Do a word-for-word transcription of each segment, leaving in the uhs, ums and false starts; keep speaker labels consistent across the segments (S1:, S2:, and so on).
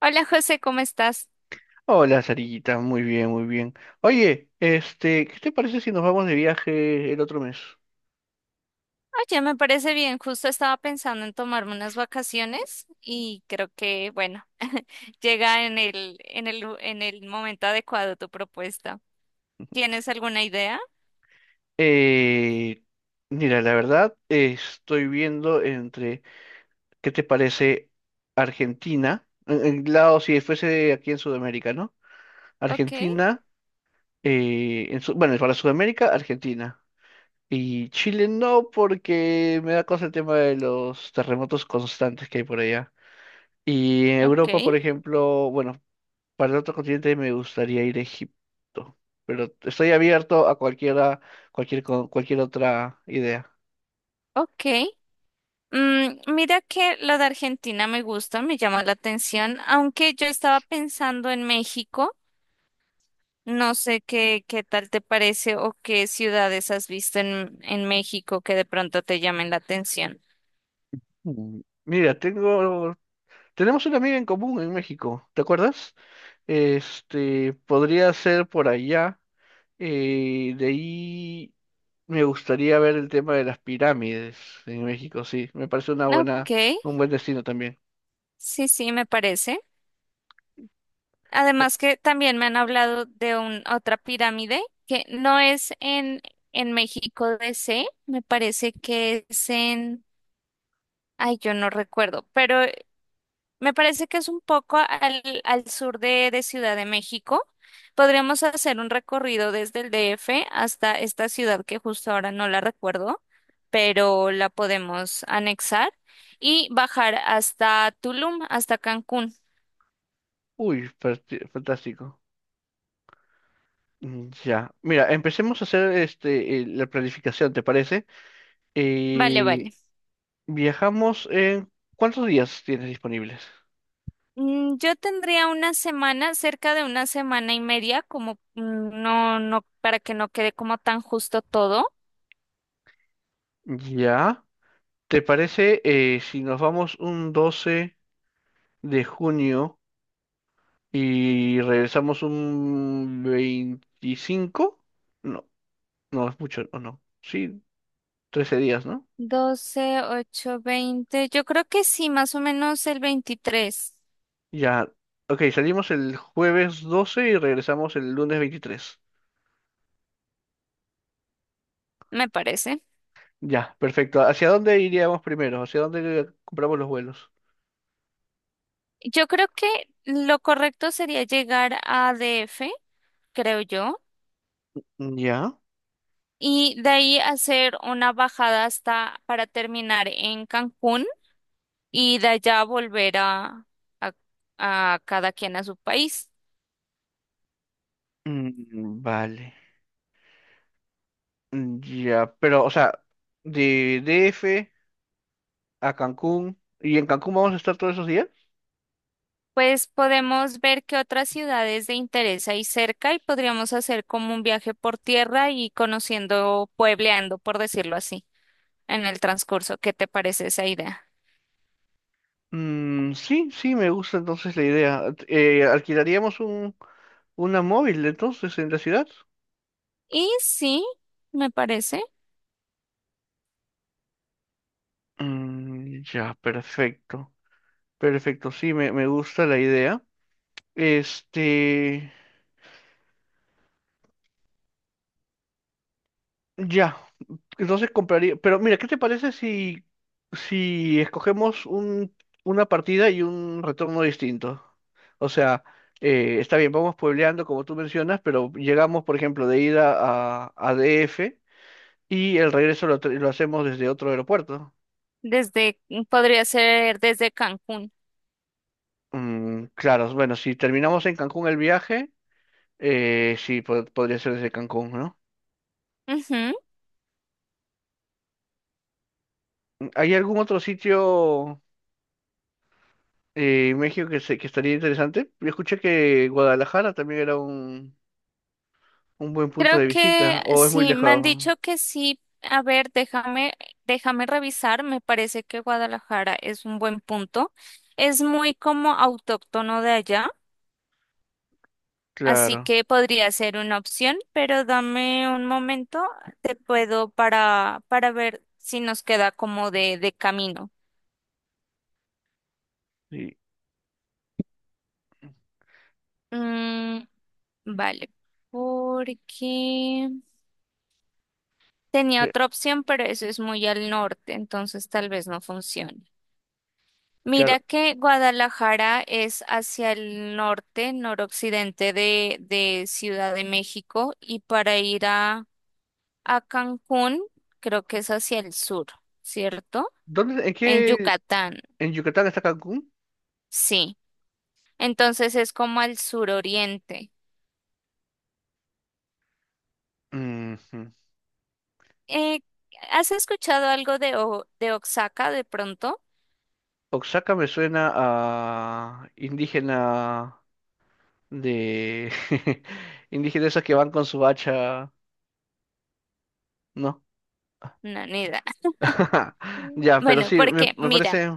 S1: Hola José, ¿cómo estás?
S2: Hola, Sarillita, muy bien, muy bien. Oye, este, ¿qué te parece si nos vamos de viaje el otro mes?
S1: Oye, me parece bien, justo estaba pensando en tomarme unas vacaciones y creo que, bueno, llega en el, en el, lu- en el momento adecuado tu propuesta. ¿Tienes alguna idea?
S2: Eh, Mira, la verdad, eh, estoy viendo entre, ¿qué te parece Argentina? En, en lado, si fuese aquí en Sudamérica, ¿no?
S1: Ok,
S2: Argentina, eh, en Su- bueno, para Sudamérica, Argentina. Y Chile no, porque me da cosa el tema de los terremotos constantes que hay por allá. Y en
S1: ok,
S2: Europa, por ejemplo, bueno. Para el otro continente me gustaría ir a Egipto, pero estoy abierto a cualquiera, cualquier, co- cualquier otra idea.
S1: ok. Mm, mira que lo de Argentina me gusta, me llama la atención, aunque yo estaba pensando en México. No sé qué, qué tal te parece o qué ciudades has visto en, en México que de pronto te llamen la atención.
S2: Mm, mira, tengo, tenemos una amiga en común en México, ¿te acuerdas? Este, podría ser por allá. Eh, de ahí me gustaría ver el tema de las pirámides en México. Sí, me parece una
S1: Ok,
S2: buena, un buen destino también.
S1: sí, sí, me parece.
S2: Eh,
S1: Además que también me han hablado de un, otra pirámide que no es en, en México D C, me parece que es en, ay, yo no recuerdo, pero me parece que es un poco al, al sur de, de Ciudad de México. Podríamos hacer un recorrido desde el D F hasta esta ciudad que justo ahora no la recuerdo, pero la podemos anexar y bajar hasta Tulum, hasta Cancún.
S2: Uy, fanti- fantástico. Mm, ya, mira, empecemos a hacer este, eh, la planificación, ¿te parece?
S1: Vale,
S2: Eh,
S1: vale.
S2: viajamos en... ¿Cuántos días tienes disponibles?
S1: Mm, yo tendría una semana, cerca de una semana y media, como mm, no, no, para que no quede como tan justo todo.
S2: Ya. ¿Te parece eh, si nos vamos un doce de junio y regresamos un veinticinco? No, no es mucho, ¿o no? Sí, trece días, ¿no?
S1: Doce, ocho, veinte. Yo creo que sí, más o menos el veintitrés.
S2: Ya. Ok, salimos el jueves doce y regresamos el lunes veintitrés.
S1: Me parece.
S2: Ya, perfecto. ¿Hacia dónde iríamos primero? ¿Hacia dónde eh, compramos los vuelos?
S1: Yo creo que lo correcto sería llegar a D F, creo yo,
S2: Ya.
S1: y de ahí hacer una bajada hasta para terminar en Cancún y de allá volver a, a, a cada quien a su país.
S2: Mm, vale. Mm, ya, pero, o sea, de D F a Cancún, ¿y en Cancún vamos a estar todos esos días?
S1: Pues podemos ver qué otras ciudades de interés hay cerca y podríamos hacer como un viaje por tierra y conociendo, puebleando, por decirlo así, en el transcurso. ¿Qué te parece esa idea?
S2: Mm, sí, sí, me gusta entonces la idea. Eh, alquilaríamos un, una móvil entonces en la ciudad.
S1: Y sí, me parece.
S2: Mm, ya, perfecto. Perfecto, sí, me, me gusta la idea. Este, ya, entonces compraría. Pero mira, ¿qué te parece si, si escogemos un, una partida y un retorno distinto? O sea, eh, está bien, vamos puebleando como tú mencionas, pero llegamos, por ejemplo, de ida a, a D F y el regreso lo, tra- lo hacemos desde otro aeropuerto.
S1: Desde, mm, podría ser desde Cancún.
S2: Mm, claro, bueno, si terminamos en Cancún el viaje, eh, sí, po- podría ser desde Cancún, ¿no?
S1: Ujú.
S2: ¿Hay algún otro sitio? Eh, México que, se, que estaría interesante. Yo escuché que Guadalajara también era un, un buen punto
S1: Creo
S2: de
S1: que
S2: visita, o es muy
S1: sí, me
S2: lejos.
S1: han dicho que sí. A ver, déjame, déjame revisar. Me parece que Guadalajara es un buen punto. Es muy como autóctono de allá, así
S2: Claro,
S1: que podría ser una opción, pero dame un momento, te puedo para, para ver si nos queda como de, de camino.
S2: sí,
S1: Mm, vale, porque tenía
S2: ve-
S1: otra opción, pero eso es muy al norte, entonces tal vez no funcione.
S2: claro.
S1: Mira que Guadalajara es hacia el norte, noroccidente de, de Ciudad de México, y para ir a, a Cancún, creo que es hacia el sur, ¿cierto?
S2: ¿Dónde, en
S1: En
S2: qué,
S1: Yucatán,
S2: en Yucatán está Cancún?
S1: sí. Entonces es como al suroriente.
S2: Ujú.
S1: Eh, ¿Has escuchado algo de, O- de Oaxaca de pronto?
S2: Oaxaca me suena a indígena de indígenas esos que van con su hacha, ¿no?
S1: No, ni idea.
S2: Ya, pero
S1: Bueno,
S2: sí, me,
S1: porque
S2: me
S1: mira.
S2: parece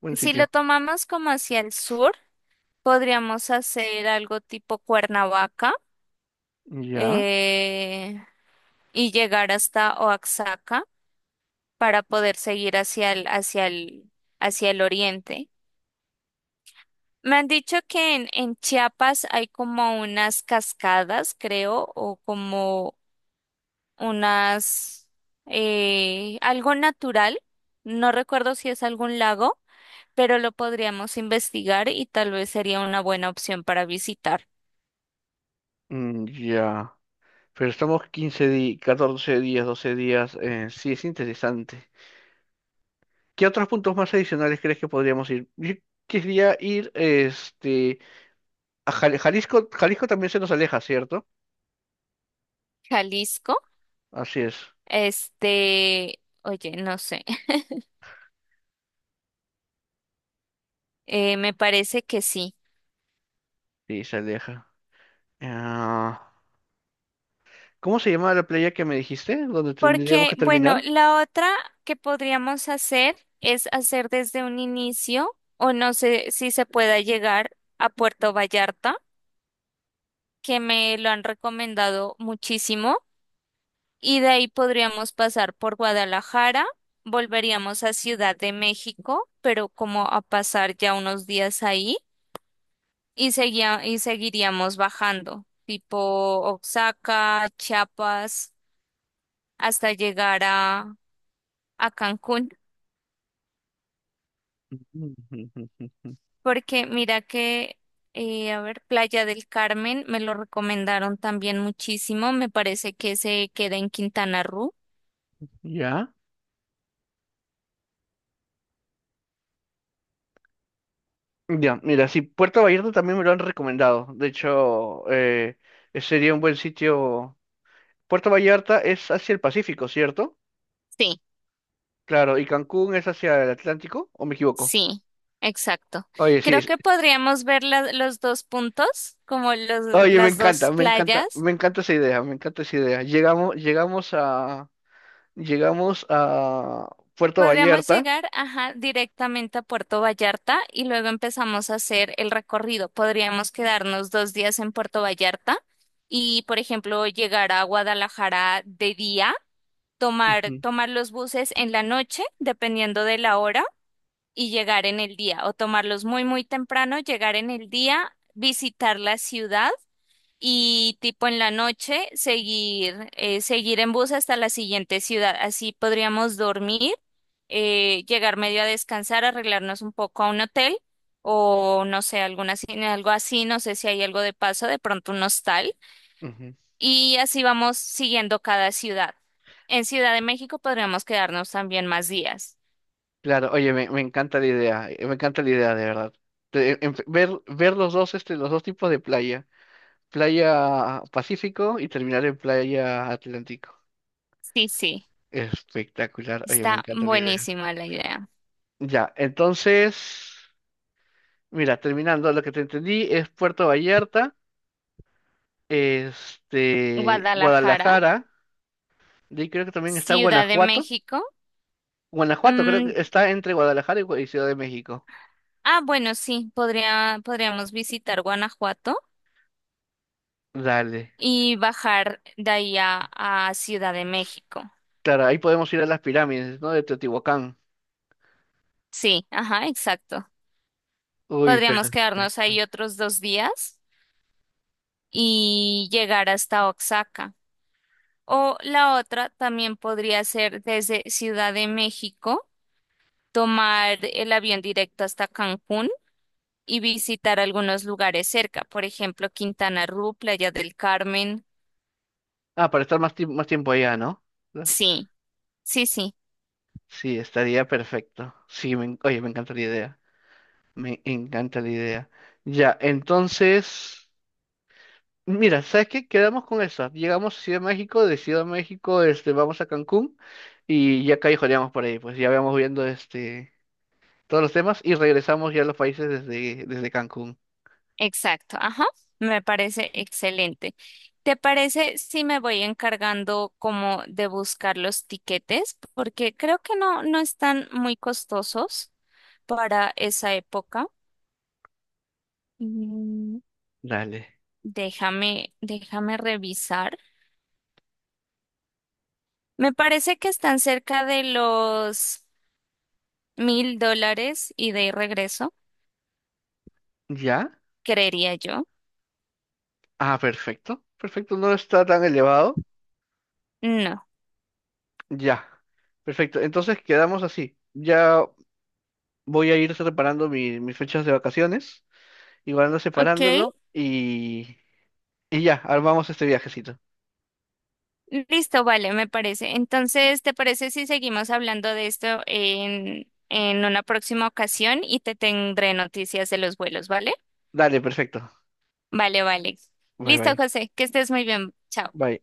S2: buen
S1: Si lo
S2: sitio.
S1: tomamos como hacia el sur, podríamos hacer algo tipo Cuernavaca
S2: Ya,
S1: eh, y llegar hasta Oaxaca para poder seguir hacia el, hacia el, hacia el oriente. Me han dicho que en, en Chiapas hay como unas cascadas, creo, o como unas, eh, algo natural. No recuerdo si es algún lago, pero lo podríamos investigar y tal vez sería una buena opción para visitar.
S2: mm, ya. Pero estamos quince días, catorce días, doce días. Eh, sí, es interesante. ¿Qué otros puntos más adicionales crees que podríamos ir? Yo quería ir este, a Jal- Jalisco. Jalisco también se nos aleja, ¿cierto?
S1: Jalisco.
S2: Así es.
S1: Este, oye, no sé. Eh, me parece que sí.
S2: Sí, se aleja. Ah, ¿cómo se llamaba la playa que me dijiste, donde tendríamos
S1: Porque,
S2: que
S1: bueno,
S2: terminar?
S1: la otra que podríamos hacer es hacer desde un inicio, o no sé si se pueda llegar a Puerto Vallarta, que me lo han recomendado muchísimo, y de ahí podríamos pasar por Guadalajara, volveríamos a Ciudad de México, pero como a pasar ya unos días ahí. Y seguía, y seguiríamos bajando, tipo Oaxaca, Chiapas, hasta llegar a, a Cancún, porque mira que, eh, a ver, Playa del Carmen me lo recomendaron también muchísimo, me parece que se queda en Quintana Roo.
S2: Ya. Ya, mira, sí, Puerto Vallarta también me lo han recomendado. De hecho, eh, sería un buen sitio. Puerto Vallarta es hacia el Pacífico, ¿cierto?
S1: Sí,
S2: Claro, ¿y Cancún es hacia el Atlántico o me equivoco?
S1: sí, exacto.
S2: Oye, sí,
S1: Creo
S2: es-
S1: que podríamos ver la- los dos puntos, como los,
S2: oye, me
S1: las
S2: encanta,
S1: dos
S2: me encanta,
S1: playas.
S2: me encanta esa idea, me encanta esa idea. Llegamos, llegamos a, llegamos a Puerto
S1: Podríamos
S2: Vallarta.
S1: llegar, ajá, directamente a Puerto Vallarta y luego empezamos a hacer el recorrido. Podríamos quedarnos dos días en Puerto Vallarta y, por ejemplo, llegar a Guadalajara de día, tomar,
S2: Ujú,
S1: tomar los buses en la noche, dependiendo de la hora, y llegar en el día, o tomarlos muy, muy temprano, llegar en el día, visitar la ciudad y tipo en la noche seguir, eh, seguir en bus hasta la siguiente ciudad. Así podríamos dormir, eh, llegar medio a descansar, arreglarnos un poco a un hotel o no sé, alguna, ci- algo así, no sé si hay algo de paso, de pronto un hostal
S2: ujú.
S1: y así vamos siguiendo cada ciudad. En Ciudad de México podríamos quedarnos también más días.
S2: Claro, oye, me, me encanta la idea, eh, me encanta la idea, de verdad. Te- en- ver, ver los dos, este, los dos tipos de playa, playa Pacífico y terminar en playa Atlántico.
S1: Sí, sí,
S2: Espectacular, oye, me
S1: está
S2: encanta la idea.
S1: buenísima la idea.
S2: Ya, entonces. Mira, terminando, lo que te entendí es Puerto Vallarta, este,
S1: Guadalajara,
S2: Guadalajara, de ahí creo que también está
S1: Ciudad de
S2: Guanajuato.
S1: México.
S2: Guanajuato creo
S1: Mm,
S2: que está entre Guadalajara y, Gua- y Ciudad de México.
S1: ah, bueno, sí, podría, podríamos visitar Guanajuato
S2: Dale.
S1: y bajar de ahí a, a Ciudad de México.
S2: Claro, ahí podemos ir a las pirámides, ¿no? De Teotihuacán.
S1: Sí, ajá, exacto.
S2: Uy,
S1: Podríamos quedarnos ahí
S2: perfecto.
S1: otros dos días y llegar hasta Oaxaca. O la otra también podría ser desde Ciudad de México, tomar el avión directo hasta Cancún y visitar algunos lugares cerca, por ejemplo, Quintana Roo, Playa del Carmen.
S2: Ah, para estar más, tiemp- más tiempo allá, ¿no? ¿No?
S1: Sí, sí, sí.
S2: Sí, estaría perfecto. Sí, me en- oye, me encanta la idea. Me encanta la idea. Ya, entonces. Mira, ¿sabes qué? Quedamos con esa. Llegamos a Ciudad de México, de Ciudad de México, este, vamos a Cancún y ya callejoneamos por ahí, pues ya vamos viendo este todos los temas y regresamos ya a los países desde, desde Cancún.
S1: Exacto, ajá, me parece excelente. ¿Te parece si me voy encargando como de buscar los tiquetes? Porque creo que no, no están muy costosos para esa época. Mm,
S2: Dale.
S1: Déjame, déjame revisar. Me parece que están cerca de los mil dólares ida y regreso,
S2: ¿Ya?
S1: creería yo.
S2: Ah, perfecto. Perfecto, no está tan elevado.
S1: No.
S2: Ya. Perfecto. Entonces quedamos así. Ya voy a ir separando mi- mis fechas de vacaciones, igual ando
S1: Ok,
S2: separándolo y, y ya, armamos este viajecito.
S1: listo, vale, me parece. Entonces, ¿te parece si seguimos hablando de esto en, en una próxima ocasión y te tendré noticias de los vuelos? ¿Vale?
S2: Dale, perfecto.
S1: Vale, vale.
S2: Bye
S1: Listo,
S2: bye.
S1: José, que estés muy bien. Chao.
S2: Bye.